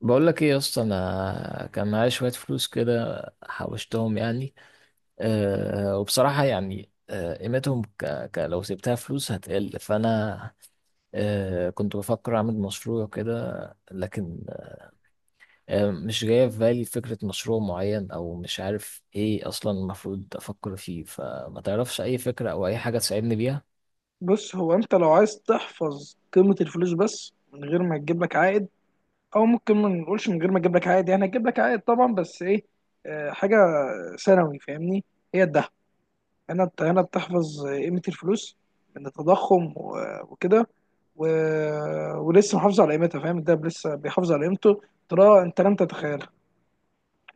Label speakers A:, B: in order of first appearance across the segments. A: بقول لك ايه يا اسطى، انا كان معايا شويه فلوس كده حوشتهم يعني، وبصراحه. يعني قيمتهم لو سبتها فلوس هتقل، فانا كنت بفكر اعمل مشروع كده، لكن مش جايه في بالي فكره مشروع معين، او مش عارف ايه اصلا المفروض افكر فيه، فما تعرفش اي فكره او اي حاجه تساعدني بيها؟
B: بص، هو انت لو عايز تحفظ قيمة الفلوس بس من غير ما تجيب لك عائد، او ممكن ما نقولش من غير ما تجيب لك عائد، يعني هتجيب لك عائد طبعا، بس ايه؟ حاجة ثانوي، فاهمني؟ هي الذهب. هنا بتحفظ قيمة الفلوس من التضخم و- وكده و... ولسه محافظ على قيمتها، فاهم؟ الدهب لسه بيحافظ على قيمته. ترى انت لم تتخيل.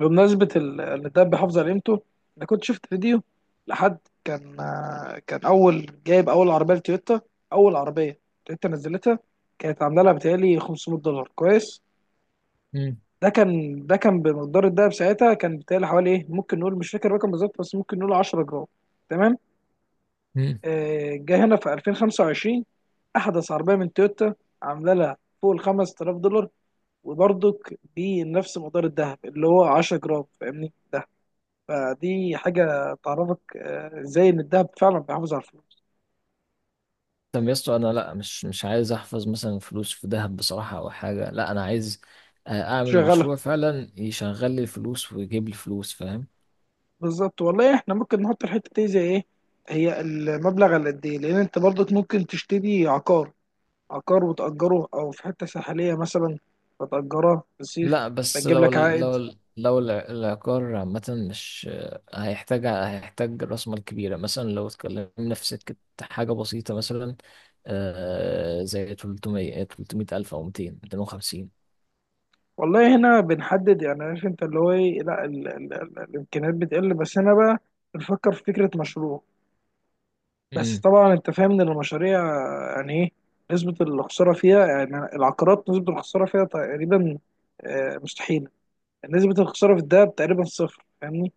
B: بمناسبة الدب حافظ على قيمته، أنا كنت شفت فيديو لحد كان أول جايب أول عربية لتويوتا. أول عربية تويوتا نزلتها، كانت عاملة لها بتهيألي 500 دولار، كويس. ده كان بمقدار الدهب ساعتها، كان بتهيألي حوالي إيه، ممكن نقول، مش فاكر الرقم بالظبط، بس ممكن نقول 10 جرام، تمام.
A: مم.
B: جه هنا في 2025 أحدث عربية من تويوتا، عاملة لها فوق ال 5000 دولار، وبرضك بنفس مقدار الدهب اللي هو 10 جرام، فاهمني؟ فدي حاجة تعرفك ازاي ان الذهب فعلا بيحافظ على الفلوس.
A: طب يا اسطى، انا لا، مش عايز احفظ مثلا فلوس في ذهب بصراحه او حاجه، لا انا عايز اعمل
B: شغالة
A: مشروع فعلا يشغل لي الفلوس ويجيب لي فلوس، فاهم؟
B: بالظبط والله. احنا ممكن نحط الحتة دي زي ايه، هي المبلغ على قد ايه، لان انت برضك ممكن تشتري عقار، عقار وتأجره، او في حتة ساحلية مثلا فتأجرها في الصيف،
A: لا بس
B: فتجيب
A: لو
B: لك
A: ال-
B: عائد.
A: لو ال- لو الع- العقار عامه، مش هيحتاج راس مال كبيره. مثلا لو اتكلمنا في سكه حاجه بسيطه مثلا، زي 300 300 الف، او 200 250.
B: والله هنا بنحدد يعني، عارف انت اللي هو ايه، لا ال ال ال الامكانيات بتقل، بس هنا بقى بنفكر في فكرة مشروع. بس طبعا انت فاهم ان المشاريع يعني ايه نسبة الخسارة فيها، يعني العقارات نسبة الخسارة فيها تقريبا مستحيلة. نسبة الخسارة في الدهب تقريبا صفر، فاهمني؟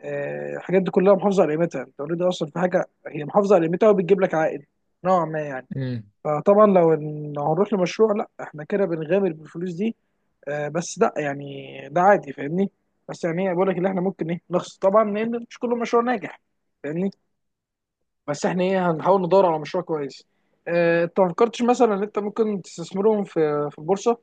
B: الحاجات دي كلها محافظة على قيمتها، انت اوريدي اصلا في حاجة هي محافظة على قيمتها وبتجيب لك عائد نوعا ما يعني.
A: امم.
B: فطبعا لو هنروح لمشروع، لا احنا كده بنغامر بالفلوس دي. بس لا يعني ده عادي، فاهمني. بس يعني ايه، بقول لك اللي احنا ممكن ايه نخسر طبعا، لان مش كل مشروع ناجح، فاهمني. بس احنا ايه، هنحاول ندور على مشروع كويس. اه، انت ما فكرتش مثلا ان انت ممكن تستثمرهم في البورصه؟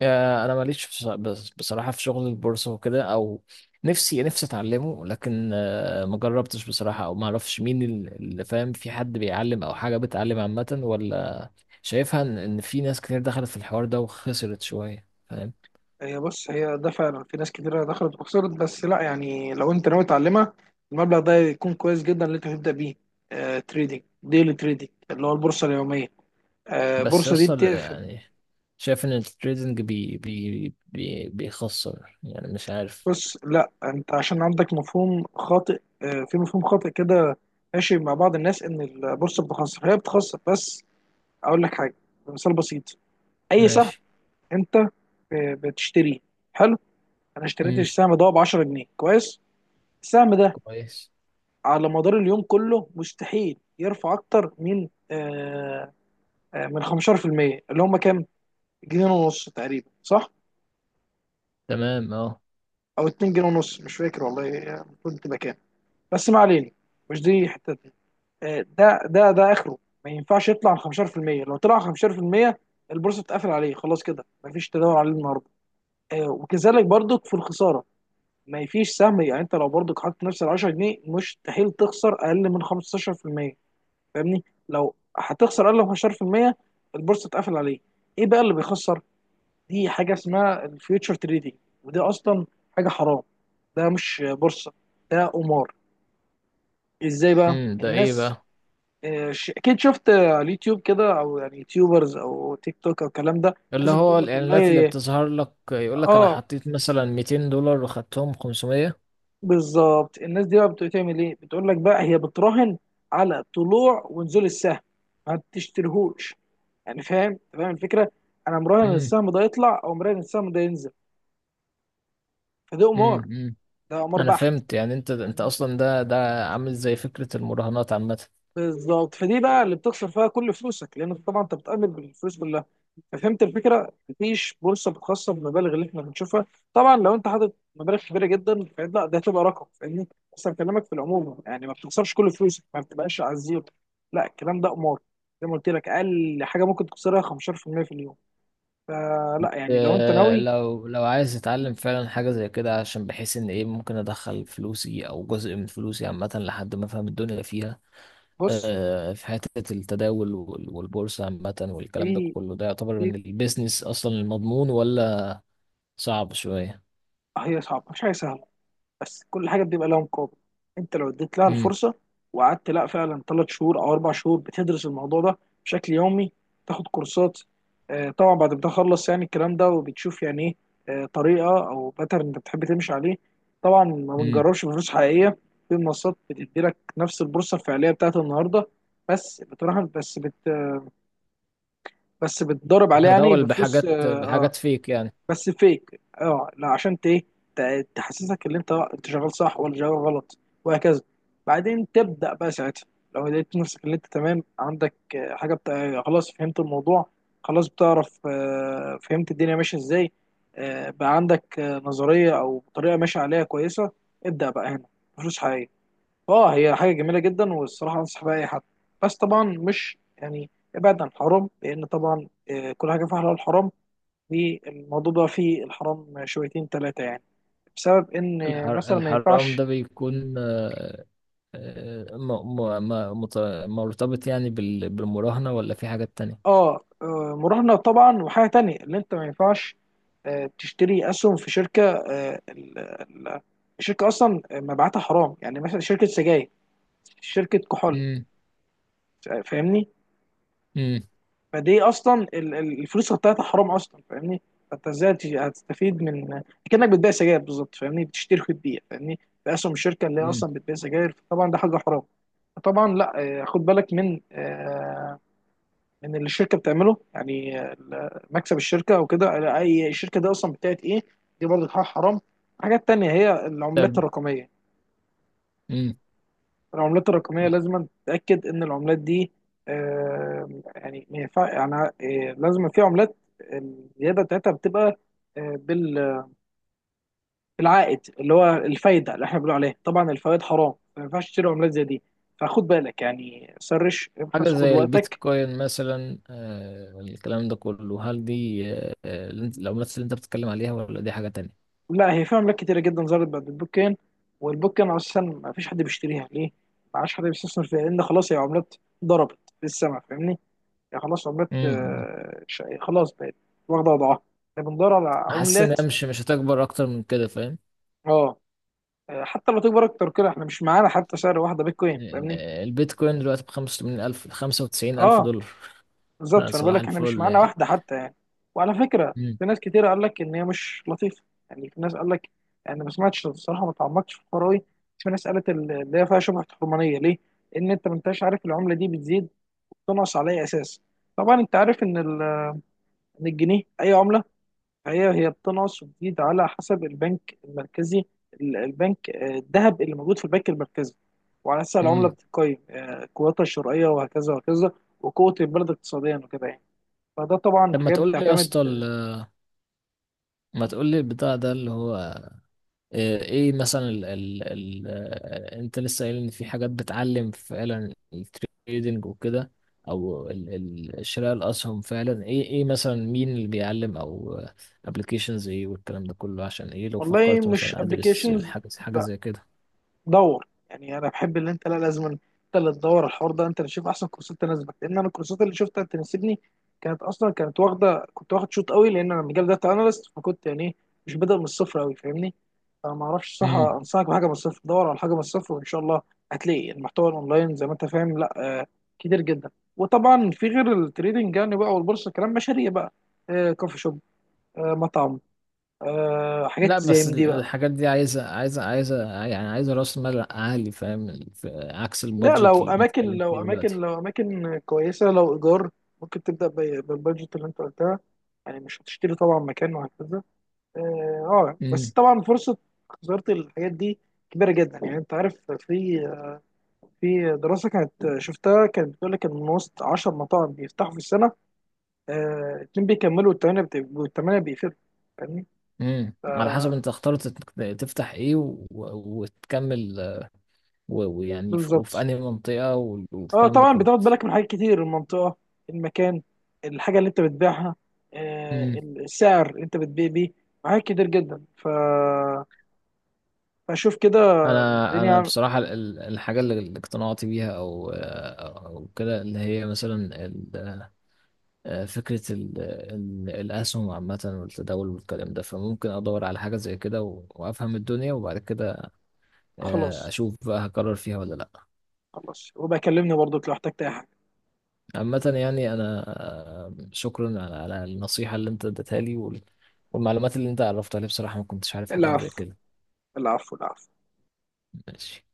A: يا انا ماليش بصراحه في شغل البورصه وكده، او نفسي اتعلمه، لكن ما جربتش بصراحه، او ما اعرفش مين اللي فاهم. في حد بيعلم او حاجه بتعلم عامه ولا؟ شايفها إن في ناس كتير دخلت في الحوار ده وخسرت شويه، فاهم؟
B: هي بص، هي ده فعلا في ناس كتيره دخلت وخسرت، بس لا يعني لو انت ناوي تعلمها، المبلغ ده يكون كويس جدا اللي انت هتبدا بيه. اه، تريدينج، ديلي تريدينج، اللي هو البورصه اليوميه. اه
A: بس
B: البورصه دي
A: يصل
B: بتقفل.
A: يعني، شايف ان التريدنج بي بي بي بيخسر يعني، مش عارف.
B: بص لا، انت عشان عندك مفهوم خاطئ، اه في مفهوم خاطئ كده ماشي مع بعض الناس ان البورصه بتخسر، هي بتخسر بس. اقول لك حاجه، مثال بسيط. اي سهم
A: ماشي.
B: انت بتشتريه، حلو. انا اشتريت
A: امم.
B: السهم ده ب 10 جنيه، كويس. السهم ده
A: كويس.
B: على مدار اليوم كله مستحيل يرفع اكتر من من 15%، اللي هم كام، جنيه ونص تقريبا صح؟
A: تمام اه.
B: او 2 جنيه ونص، مش فاكر والله، المفروض تبقى كام. بس ما علينا، مش دي حتتنا. آه ده اخره، ما ينفعش يطلع عن 15%. لو طلع عن 15%، البورصه بتقفل عليه خلاص، كده مفيش تداول عليه النهارده. وكذلك برضك في الخساره. ما فيش سهم يعني، انت لو برضك حاطط نفس ال 10 جنيه مستحيل تخسر اقل من 15%، فاهمني. لو هتخسر اقل من 15%، البورصه اتقفل عليه. ايه بقى اللي بيخسر؟ دي حاجه اسمها الفيوتشر تريدينج، ودي اصلا حاجه حرام. ده مش بورصه، ده قمار. ازاي بقى
A: امم. ده ايه
B: الناس؟
A: بقى؟
B: اكيد شفت على اليوتيوب كده، او يعني يوتيوبرز او تيك توك او الكلام ده.
A: اللي
B: الناس
A: هو
B: بتقول لك،
A: الإعلانات اللي
B: والله
A: بتظهر لك يقول لك أنا
B: اه
A: حطيت مثلا 200 دولار وخدتهم 500.
B: بالظبط. الناس دي بقى بتعمل ايه، بتقول لك بقى، هي بتراهن على طلوع ونزول السهم، ما بتشتريهوش يعني، فاهم؟ أنت فاهم الفكره. انا مراهن إن
A: امم.
B: السهم ده يطلع او مراهن إن السهم ده ينزل، فده
A: امم.
B: قمار،
A: أمم.
B: ده قمار
A: أنا
B: بحت،
A: فهمت يعني، أنت
B: فاهمني.
A: أصلا ده عامل زي فكرة المراهنات عامة.
B: بالظبط. فدي بقى اللي بتخسر فيها كل فلوسك لان طبعا انت بتأمن بالفلوس كلها. ففهمت الفكره، مفيش بورصه خاصه بالمبالغ اللي احنا بنشوفها. طبعا لو انت حاطط مبالغ كبيره جدا لا، ده هتبقى رقم، فاهمني. بس انا بكلمك في العموم يعني، ما بتخسرش كل فلوسك، ما بتبقاش على الزيرو. لا الكلام ده قمار، زي ما قلت لك اقل حاجه ممكن تخسرها 15% في المية في اليوم. فلا يعني لو انت ناوي.
A: لو عايز أتعلم فعلا حاجة زي كده، عشان بحيث إن إيه ممكن أدخل فلوسي أو جزء من فلوسي عامة، لحد ما أفهم الدنيا فيها
B: بص،
A: في حتة التداول والبورصة عامة والكلام ده
B: في
A: كله. ده يعتبر
B: في
A: من البيزنس أصلا المضمون، ولا صعب شوية؟
B: هي صعبه، مش حاجه سهله، بس كل حاجه بيبقى لها مقابل. انت لو اديت لها الفرصه وقعدت لا، فعلا 3 شهور او 4 شهور بتدرس الموضوع ده بشكل يومي، تاخد كورسات. طبعا بعد ما تخلص يعني الكلام ده وبتشوف يعني ايه طريقه او باترن انت بتحب تمشي عليه. طبعا ما
A: امم.
B: بنجربش بفلوس حقيقيه. في منصات بتدي لك نفس البورصه الفعليه بتاعت النهارده، بس بتراهن، بس بت بس بتضرب عليها يعني
A: تتداول
B: بفلوس
A: بحاجات بحاجات فيك يعني.
B: بس فيك اه لا، عشان تحسسك ان انت شغال صح ولا شغال غلط، وهكذا. بعدين تبدا بقى ساعتها. لو لقيت نفسك ان انت تمام، عندك حاجه خلاص فهمت الموضوع، خلاص بتعرف فهمت الدنيا ماشيه ازاي، بقى عندك نظريه او طريقه ماشيه عليها كويسه. ابدا بقى هنا فلوس حقيقيه. اه، هي حاجه جميله جدا والصراحه انصح بيها اي حد. بس طبعا مش يعني، ابعد عن الحرام، لان طبعا كل حاجه فيها حلال وحرام. الموضوع بقى فيه الحرام شويتين ثلاثة يعني، بسبب إن مثلا ما
A: الحرام
B: ينفعش
A: ده بيكون آه، م... م... م... مت- مرتبط يعني بالمراهنة، ولا في حاجات تانية؟
B: مراهنة طبعا. وحاجة تانية اللي أنت ما ينفعش تشتري أسهم في شركة الشركة أصلا مبيعاتها حرام، يعني مثلا شركة سجاير، شركة كحول،
A: امم.
B: فاهمني.
A: امم.
B: فدي اصلا الفلوس بتاعتها حرام اصلا، فاهمني. فانت ازاي هتستفيد من؟ كانك بتبيع سجاير بالظبط، فاهمني، بتشتري وتبيع، فاهمني. في اسهم الشركه اللي هي
A: امم.
B: اصلا بتبيع سجاير، طبعا ده حاجه حرام. طبعا لا. خد بالك من من اللي الشركه بتعمله، يعني مكسب الشركه او كده، اي الشركه دي اصلا بتاعت ايه. دي برضه حاجه حرام. حاجات تانية هي العملات
A: طب.
B: الرقميه.
A: امم.
B: العملات الرقمية لازم تتأكد إن العملات دي يعني ما ينفع يعني لازم في عملات الزيادة بتاعتها بتبقى آه، بال- بالعائد اللي هو الفايدة اللي احنا بنقول عليها، طبعا الفوائد حرام، ما ينفعش تشتري عملات زي دي. فخد بالك يعني، سرش
A: حاجة
B: ابحث، خد
A: زي
B: وقتك.
A: البيتكوين مثلا، الكلام ده كله، هل دي العملات اللي انت بتتكلم عليها، ولا دي حاجة تانية؟
B: لا هي في عملات كتيرة جدا ظهرت بعد البوكين. والبوكين أصلا ما فيش حد بيشتريها، ليه؟ ما عادش حد بيستثمر فيها لأن خلاص، هي عملات ضربت في السما، فاهمني؟ يعني خلاص عملات
A: امم.
B: خلاص بقت واخده وضعها. احنا بندور على
A: حاسس ان
B: عملات.
A: هي مش هتكبر اكتر من كده، فاهم؟
B: اه. حتى لو تكبر اكتر كده، احنا مش معانا حتى سعر واحده بيتكوين، فاهمني.
A: البيتكوين دلوقتي بخمسة وتمانين ألف، خمسة وتسعين ألف
B: اه
A: دولار
B: بالظبط، فانا بقول
A: صباح
B: لك احنا مش
A: الفل
B: معانا
A: يعني.
B: واحده حتى يعني. وعلى فكره،
A: مم.
B: في ناس كتير قال لك ان هي مش لطيفه. يعني في ناس قال لك، يعني انا ما سمعتش الصراحه، ما تعمقتش في الحوار أوي، بس في ناس قالت اللي هي فيها شبهه حرمانيه، ليه؟ ان انت ما انتش عارف العمله دي بتزيد وبتنقص على اي اساس. طبعا انت عارف ان إن الجنيه اي عمله، هي هي بتنقص وتزيد على حسب البنك المركزي، ال- البنك آه، الذهب اللي موجود في البنك المركزي، وعلى اساس العمله
A: مم.
B: بتقيم قوتها الشرائيه، وهكذا وهكذا. وقوه البلد اقتصاديا وكده يعني. فده طبعا
A: طب ما
B: حاجات
A: تقول لي يا
B: بتعتمد.
A: اسطى، ما تقول لي البتاع ده اللي هو ايه مثلا، ال ال ال آه، انت لسه قايل ان في حاجات بتعلم فعلا التريدنج وكده، او ال شراء الاسهم فعلا، ايه مثلا مين اللي بيعلم، او ابلكيشنز ايه، والكلام ده كله، عشان ايه لو
B: والله
A: فكرت
B: مش
A: مثلا ادرس
B: ابلكيشنز،
A: الحاجه حاجه زي كده؟
B: دور يعني، انا بحب اللي انت، لا لازم انت اللي تدور الحوار ده، انت اللي تشوف احسن كورسات تناسبك، لان انا الكورسات اللي شفتها تناسبني، كانت اصلا كانت واخده كنت واخد شوط قوي، لان انا مجال داتا اناليست، فكنت يعني إيه، مش بادئ من الصفر قوي، فاهمني. فما اعرفش صح
A: امم.
B: انصحك بحاجه من الصفر، دور على حاجه من الصفر وان شاء الله هتلاقي المحتوى الاونلاين زي ما انت فاهم، لا آه كتير جدا. وطبعا في غير التريدنج يعني بقى والبورصه، كلام مشاريع بقى. كوفي شوب، مطعم، حاجات
A: لا
B: زي
A: بس
B: من دي بقى.
A: الحاجات دي عايزه يعني عايزه راس مال عالي، فاهم؟ عكس
B: لا،
A: البادجت اللي بنتكلم فيه دلوقتي.
B: لو اماكن كويسه، لو ايجار ممكن تبدا بالبادجت اللي انت قلتها. يعني مش هتشتري طبعا مكان وهكذا. اه. بس طبعا فرصه خساره الحاجات دي كبيره جدا يعني، انت عارف، في في دراسه كانت شفتها كانت بتقول لك ان من وسط 10 مطاعم بيفتحوا في السنه، 2 بيكملوا، والثمانيه بيقفلوا، فاهمني؟
A: امم. على حسب انت اخترت تفتح ايه وتكمل، ويعني
B: بالظبط.
A: وفي انهي منطقة،
B: اه
A: والكلام ده
B: طبعا
A: كله.
B: بتاخد بالك من حاجات كتير: المنطقة، المكان، الحاجة اللي انت بتبيعها،
A: امم.
B: السعر اللي انت بتبيع بيه، حاجات كتير جدا فشوف كده.
A: انا
B: الدنيا
A: بصراحة الحاجة اللي اقتنعت بيها، او كده، اللي هي مثلا ال... آه، فكرة الاسهم عامة والتداول والكلام ده، فممكن ادور على حاجة زي كده وافهم الدنيا، وبعد كده
B: خلاص.
A: اشوف بقى هكرر فيها ولا لا.
B: خلاص، وبكلمني برضك لو احتجت اي حاجة.
A: عامة يعني أنا شكرا على النصيحة اللي أنت اديتها لي، والمعلومات اللي أنت عرفتها لي بصراحة، ما كنتش عارف حاجات زي
B: العفو،
A: كده.
B: العفو، العفو.
A: ماشي.